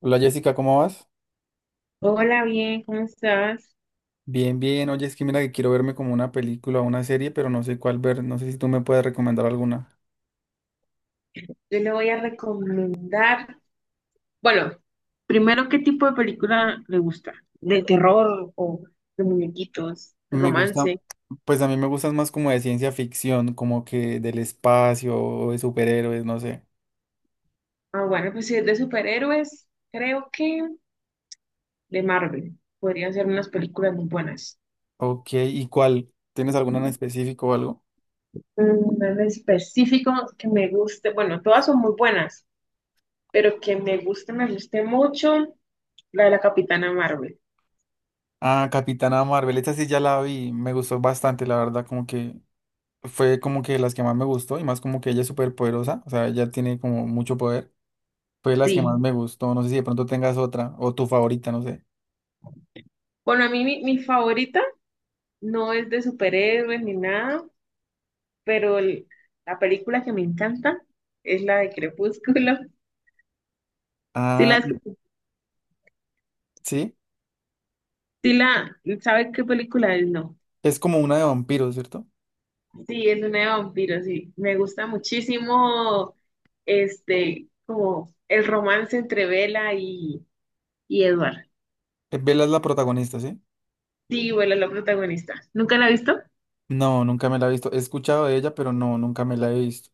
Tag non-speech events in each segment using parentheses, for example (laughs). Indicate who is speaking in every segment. Speaker 1: Hola Jessica, ¿cómo vas?
Speaker 2: Hola, bien, ¿cómo estás?
Speaker 1: Bien, bien. Oye, es que mira que quiero verme como una película o una serie, pero no sé cuál ver. No sé si tú me puedes recomendar alguna.
Speaker 2: Yo le voy a recomendar, bueno, primero, ¿qué tipo de película le gusta? ¿De terror o de muñequitos, de
Speaker 1: Me gusta,
Speaker 2: romance?
Speaker 1: pues a mí me gustan más como de ciencia ficción, como que del espacio o de superhéroes, no sé.
Speaker 2: Ah, bueno, pues si es de superhéroes, creo que de Marvel. Podrían ser unas películas muy buenas.
Speaker 1: Ok, ¿y cuál? ¿Tienes alguna en específico o algo?
Speaker 2: En específico que me guste, bueno, todas son muy buenas, pero que me guste mucho, la de la Capitana Marvel.
Speaker 1: Ah, Capitana Marvel, esa sí ya la vi, me gustó bastante, la verdad, como que fue como que las que más me gustó y más como que ella es súper poderosa, o sea, ella tiene como mucho poder, fue las que más
Speaker 2: Sí.
Speaker 1: me gustó, no sé si de pronto tengas otra o tu favorita, no sé.
Speaker 2: Bueno, a mí mi favorita no es de superhéroes ni nada pero la película que me encanta es la de Crepúsculo. (laughs) Sí
Speaker 1: Ah,
Speaker 2: la,
Speaker 1: sí.
Speaker 2: sí la, ¿sabe qué película es? No.
Speaker 1: Es como una de vampiros, ¿cierto?
Speaker 2: Sí, es una de vampiros, sí. Me gusta muchísimo este, como el romance entre Bella y Edward.
Speaker 1: Bella es la protagonista, ¿sí?
Speaker 2: Sí, Bella es la protagonista. ¿Nunca la ha visto?
Speaker 1: No, nunca me la he visto. He escuchado de ella, pero no, nunca me la he visto.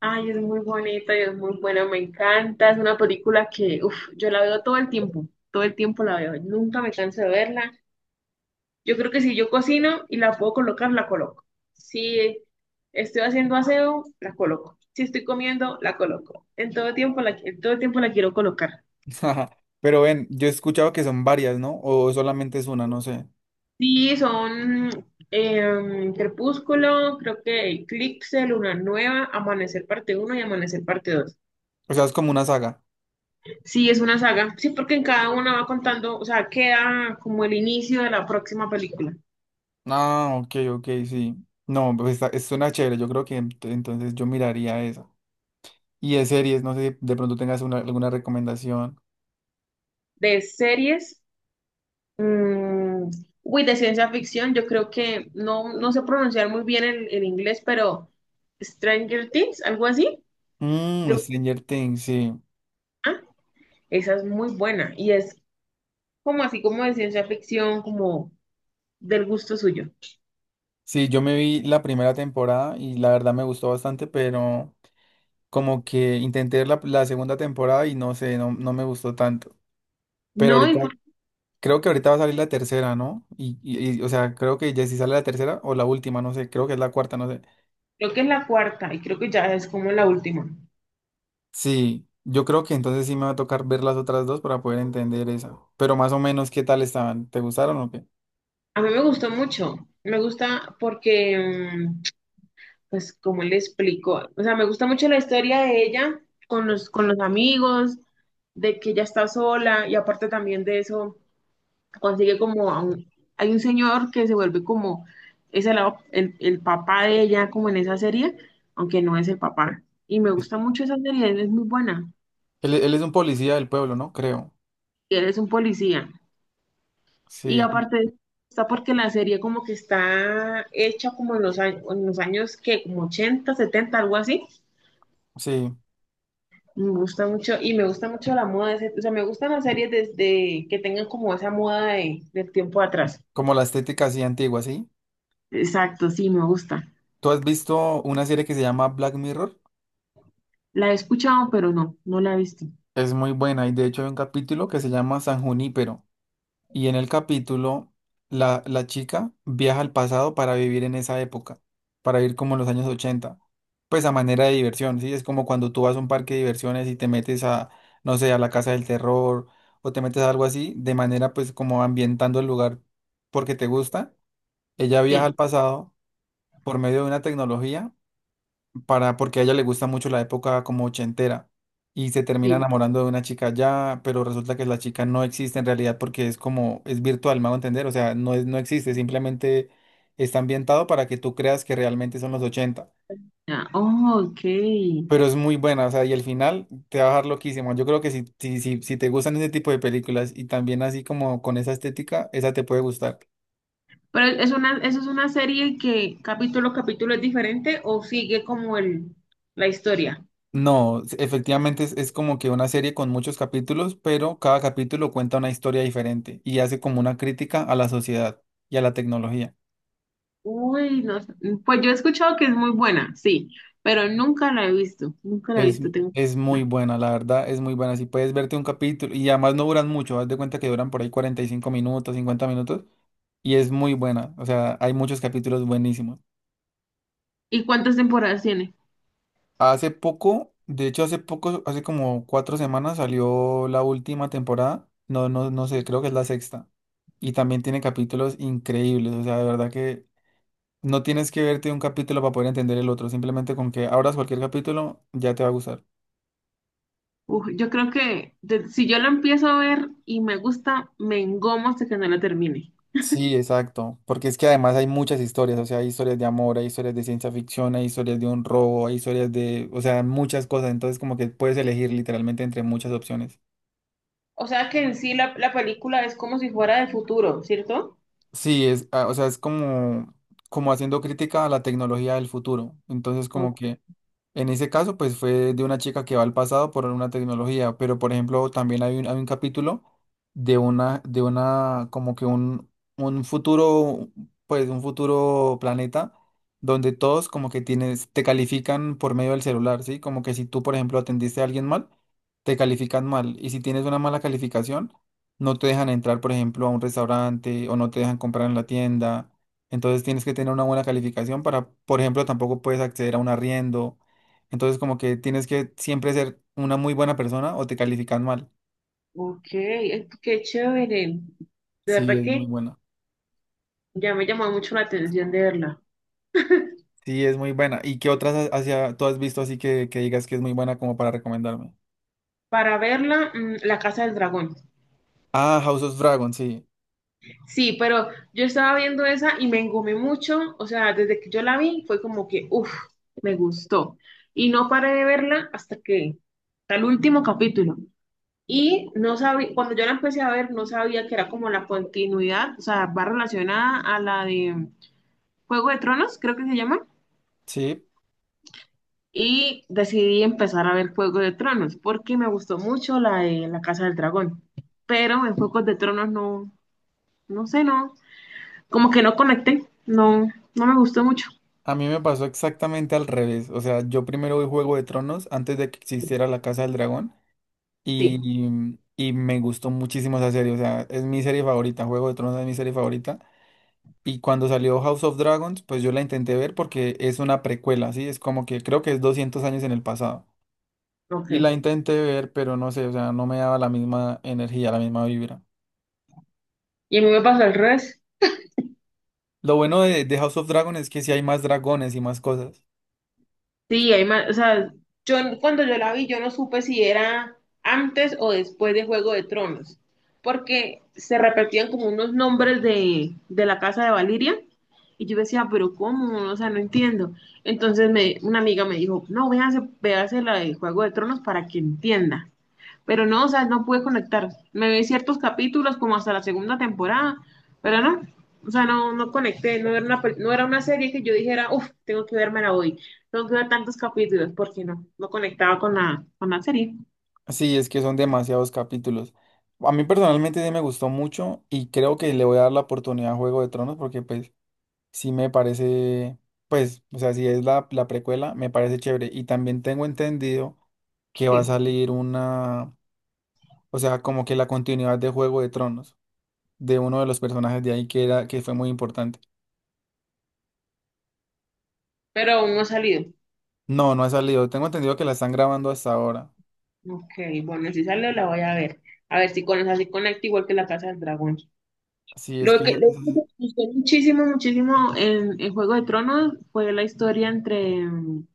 Speaker 2: Ay, es muy bonita y es muy buena, me encanta. Es una película que, uf, yo la veo todo el tiempo la veo. Nunca me canso de verla. Yo creo que si yo cocino y la puedo colocar, la coloco. Si estoy haciendo aseo, la coloco. Si estoy comiendo, la coloco. En todo tiempo la, en todo tiempo la quiero colocar.
Speaker 1: (laughs) Pero ven, yo he escuchado que son varias, ¿no? O solamente es una, no sé.
Speaker 2: Sí, son Crepúsculo, creo que Eclipse, Luna Nueva, Amanecer parte uno y Amanecer parte 2.
Speaker 1: O sea, es como una saga.
Speaker 2: Sí, es una saga. Sí, porque en cada una va contando, o sea, queda como el inicio de la próxima película.
Speaker 1: Ah, ok, ok, sí. No, pues está, suena chévere. Yo creo que entonces yo miraría esa. Y de series, no sé si de pronto tengas alguna recomendación.
Speaker 2: De series, Mm, uy, de ciencia ficción, yo creo que no, no sé pronunciar muy bien el inglés, pero Stranger Things, algo así, de
Speaker 1: Mmm, Stranger Things, sí.
Speaker 2: ah, esa es muy buena y es como así como de ciencia ficción, como del gusto suyo.
Speaker 1: Sí, yo me vi la primera temporada y la verdad me gustó bastante, pero. Como que intenté ver la segunda temporada y no sé, no, no me gustó tanto. Pero
Speaker 2: No, y
Speaker 1: ahorita, creo que ahorita va a salir la tercera, ¿no? Y o sea, creo que ya si sale la tercera o la última, no sé, creo que es la cuarta, no sé.
Speaker 2: creo que es la cuarta y creo que ya es como la última.
Speaker 1: Sí, yo creo que entonces sí me va a tocar ver las otras dos para poder entender esa. Pero más o menos, ¿qué tal estaban? ¿Te gustaron o qué?
Speaker 2: A mí me gustó mucho, me gusta porque pues, ¿cómo le explico? O sea, me gusta mucho la historia de ella con los amigos, de que ella está sola y aparte también de eso, consigue como a hay un señor que se vuelve como, es el, el papá de ella como en esa serie, aunque no es el papá. Y me gusta mucho esa serie, es muy buena.
Speaker 1: Él es un policía del pueblo, ¿no? Creo.
Speaker 2: Y él es un policía. Y
Speaker 1: Sí,
Speaker 2: aparte está porque la serie como que está hecha como en los años que como 80 70 algo así.
Speaker 1: sí.
Speaker 2: Me gusta mucho, y me gusta mucho la moda, de o sea, me gustan las series desde que tengan como esa moda de, del tiempo atrás.
Speaker 1: Como la estética así antigua, ¿sí?
Speaker 2: Exacto, sí, me gusta.
Speaker 1: ¿Tú has visto una serie que se llama Black Mirror?
Speaker 2: La he escuchado, pero no, no la he visto.
Speaker 1: Es muy buena y de hecho hay un capítulo que se llama San Junípero. Y en el capítulo, la chica viaja al pasado para vivir en esa época, para vivir como en los años 80 pues a manera de diversión, ¿sí? Es como cuando tú vas a un parque de diversiones y te metes a, no sé, a la casa del terror o te metes a algo así, de manera pues como ambientando el lugar porque te gusta. Ella viaja al
Speaker 2: Sí,
Speaker 1: pasado por medio de una tecnología para, porque a ella le gusta mucho la época como ochentera y se termina
Speaker 2: sí.
Speaker 1: enamorando de una chica ya, pero resulta que la chica no existe en realidad porque es como, es virtual, me hago entender, o sea, no es, no existe, simplemente está ambientado para que tú creas que realmente son los ochenta.
Speaker 2: Ah, oh, ok.
Speaker 1: Pero es muy buena, o sea, y el final te va a dejar loquísimo. Yo creo que si te gustan ese tipo de películas y también así como con esa estética, esa te puede gustar.
Speaker 2: Pero es una, eso es una serie que capítulo a capítulo es diferente o sigue como el, la historia.
Speaker 1: No, efectivamente es como que una serie con muchos capítulos, pero cada capítulo cuenta una historia diferente y hace como una crítica a la sociedad y a la tecnología.
Speaker 2: Uy, no sé. Pues yo he escuchado que es muy buena, sí, pero nunca la he visto, nunca la he
Speaker 1: Es,
Speaker 2: visto, tengo que
Speaker 1: es muy
Speaker 2: verla.
Speaker 1: buena, la verdad, es muy buena. Si puedes verte un capítulo, y además no duran mucho, haz de cuenta que duran por ahí 45 minutos, 50 minutos, y es muy buena. O sea, hay muchos capítulos buenísimos.
Speaker 2: ¿Y cuántas temporadas tiene?
Speaker 1: Hace poco, de hecho hace poco, hace como cuatro semanas salió la última temporada. No, no, no sé, creo que es la sexta. Y también tiene capítulos increíbles. O sea, de verdad que no tienes que verte un capítulo para poder entender el otro. Simplemente con que abras cualquier capítulo ya te va a gustar.
Speaker 2: Uf, yo creo que si yo la empiezo a ver y me gusta, me engomo hasta que no la termine.
Speaker 1: Sí, exacto. Porque es que además hay muchas historias. O sea, hay historias de amor, hay historias de ciencia ficción, hay historias de un robo, hay historias de, o sea, muchas cosas. Entonces como que puedes elegir literalmente entre muchas opciones.
Speaker 2: O sea que en sí la película es como si fuera de futuro, ¿cierto?
Speaker 1: Sí, es, ah, o sea, es como, como haciendo crítica a la tecnología del futuro. Entonces,
Speaker 2: O-
Speaker 1: como que en ese caso, pues fue de una chica que va al pasado por una tecnología, pero por ejemplo, también hay un capítulo de una, como que un futuro, pues un futuro planeta donde todos como que tienes, te califican por medio del celular, ¿sí? Como que si tú, por ejemplo, atendiste a alguien mal, te califican mal. Y si tienes una mala calificación, no te dejan entrar, por ejemplo, a un restaurante o no te dejan comprar en la tienda. Entonces tienes que tener una buena calificación para, por ejemplo, tampoco puedes acceder a un arriendo, entonces como que tienes que siempre ser una muy buena persona o te califican mal.
Speaker 2: Ok, qué chévere. De
Speaker 1: Sí,
Speaker 2: verdad
Speaker 1: es muy
Speaker 2: que
Speaker 1: buena.
Speaker 2: ya me llamó mucho la atención de verla.
Speaker 1: Sí, es muy buena. ¿Y qué otras hacia, tú has visto así que digas que es muy buena como para recomendarme?
Speaker 2: Para verla, La Casa del Dragón.
Speaker 1: Ah, House of Dragon, sí.
Speaker 2: Sí, pero yo estaba viendo esa y me engomé mucho. O sea, desde que yo la vi fue como que, uff, me gustó. Y no paré de verla hasta que, hasta el último capítulo. Y no sabía, cuando yo la empecé a ver, no sabía que era como la continuidad, o sea, va relacionada a la de Juego de Tronos, creo que se llama.
Speaker 1: Sí,
Speaker 2: Y decidí empezar a ver Juego de Tronos, porque me gustó mucho la de La Casa del Dragón. Pero en Juegos de Tronos no, no sé, no, como que no conecté, no, no me gustó mucho.
Speaker 1: a mí me pasó exactamente al revés. O sea, yo primero vi Juego de Tronos antes de que existiera La Casa del Dragón
Speaker 2: Sí,
Speaker 1: y, y me gustó muchísimo esa serie. O sea, es mi serie favorita. Juego de Tronos es mi serie favorita. Y cuando salió House of Dragons, pues yo la intenté ver porque es una precuela, ¿sí? Es como que creo que es 200 años en el pasado.
Speaker 2: ok.
Speaker 1: Y la intenté ver, pero no sé, o sea, no me daba la misma energía, la misma vibra.
Speaker 2: ¿Y a mí me pasó al revés?
Speaker 1: Lo bueno de House of Dragons es que sí hay más dragones y más cosas.
Speaker 2: Sí, hay más, o sea, yo cuando yo la vi, yo no supe si era antes o después de Juego de Tronos, porque se repetían como unos nombres de la casa de Valiria, y yo decía, pero ¿cómo? O sea, no entiendo. Entonces me, una amiga me dijo, no, véase, véase la de Juego de Tronos para que entienda. Pero no, o sea, no pude conectar. Me vi ciertos capítulos como hasta la segunda temporada, pero no, o sea, no, no conecté, no era una, no era una serie que yo dijera, uff, tengo que vermela hoy, tengo que ver tantos capítulos, porque no, no conectaba con la serie,
Speaker 1: Sí, es que son demasiados capítulos. A mí personalmente sí me gustó mucho y creo que le voy a dar la oportunidad a Juego de Tronos porque pues sí me parece, pues, o sea, si es la precuela, me parece chévere. Y también tengo entendido que va a
Speaker 2: sí.
Speaker 1: salir una... O sea, como que la continuidad de Juego de Tronos, de uno de los personajes de ahí que era, que fue muy importante.
Speaker 2: Pero aún no ha salido.
Speaker 1: No, no ha salido. Tengo entendido que la están grabando hasta ahora.
Speaker 2: Ok, bueno, si sale la voy a ver. A ver si con esa sí conecta igual que la Casa del Dragón.
Speaker 1: Sí, es que
Speaker 2: Lo que me
Speaker 1: (laughs)
Speaker 2: gustó muchísimo, muchísimo en Juego de Tronos fue la historia entre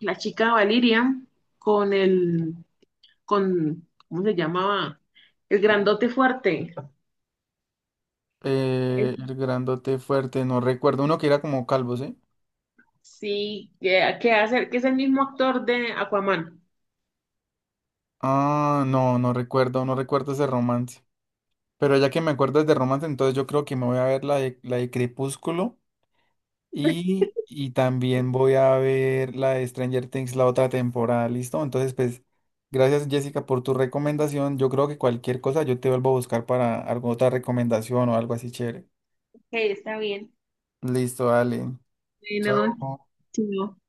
Speaker 2: la chica Valiria con el con, ¿cómo se llamaba? El grandote fuerte. Eh,
Speaker 1: el grandote fuerte, no recuerdo. Uno que era como calvo, ¿sí?
Speaker 2: Sí, que hace, que es el mismo actor de Aquaman.
Speaker 1: Ah, no, no recuerdo, no recuerdo ese romance. Pero ya que me acuerdas de romance, entonces yo creo que me voy a ver la de Crepúsculo. Y también voy a ver la de Stranger Things, la otra temporada, ¿listo? Entonces, pues, gracias Jessica por tu recomendación. Yo creo que cualquier cosa yo te vuelvo a buscar para alguna otra recomendación o algo así chévere.
Speaker 2: Ok, está bien.
Speaker 1: Listo, dale.
Speaker 2: Bueno,
Speaker 1: Chao.
Speaker 2: sí, no.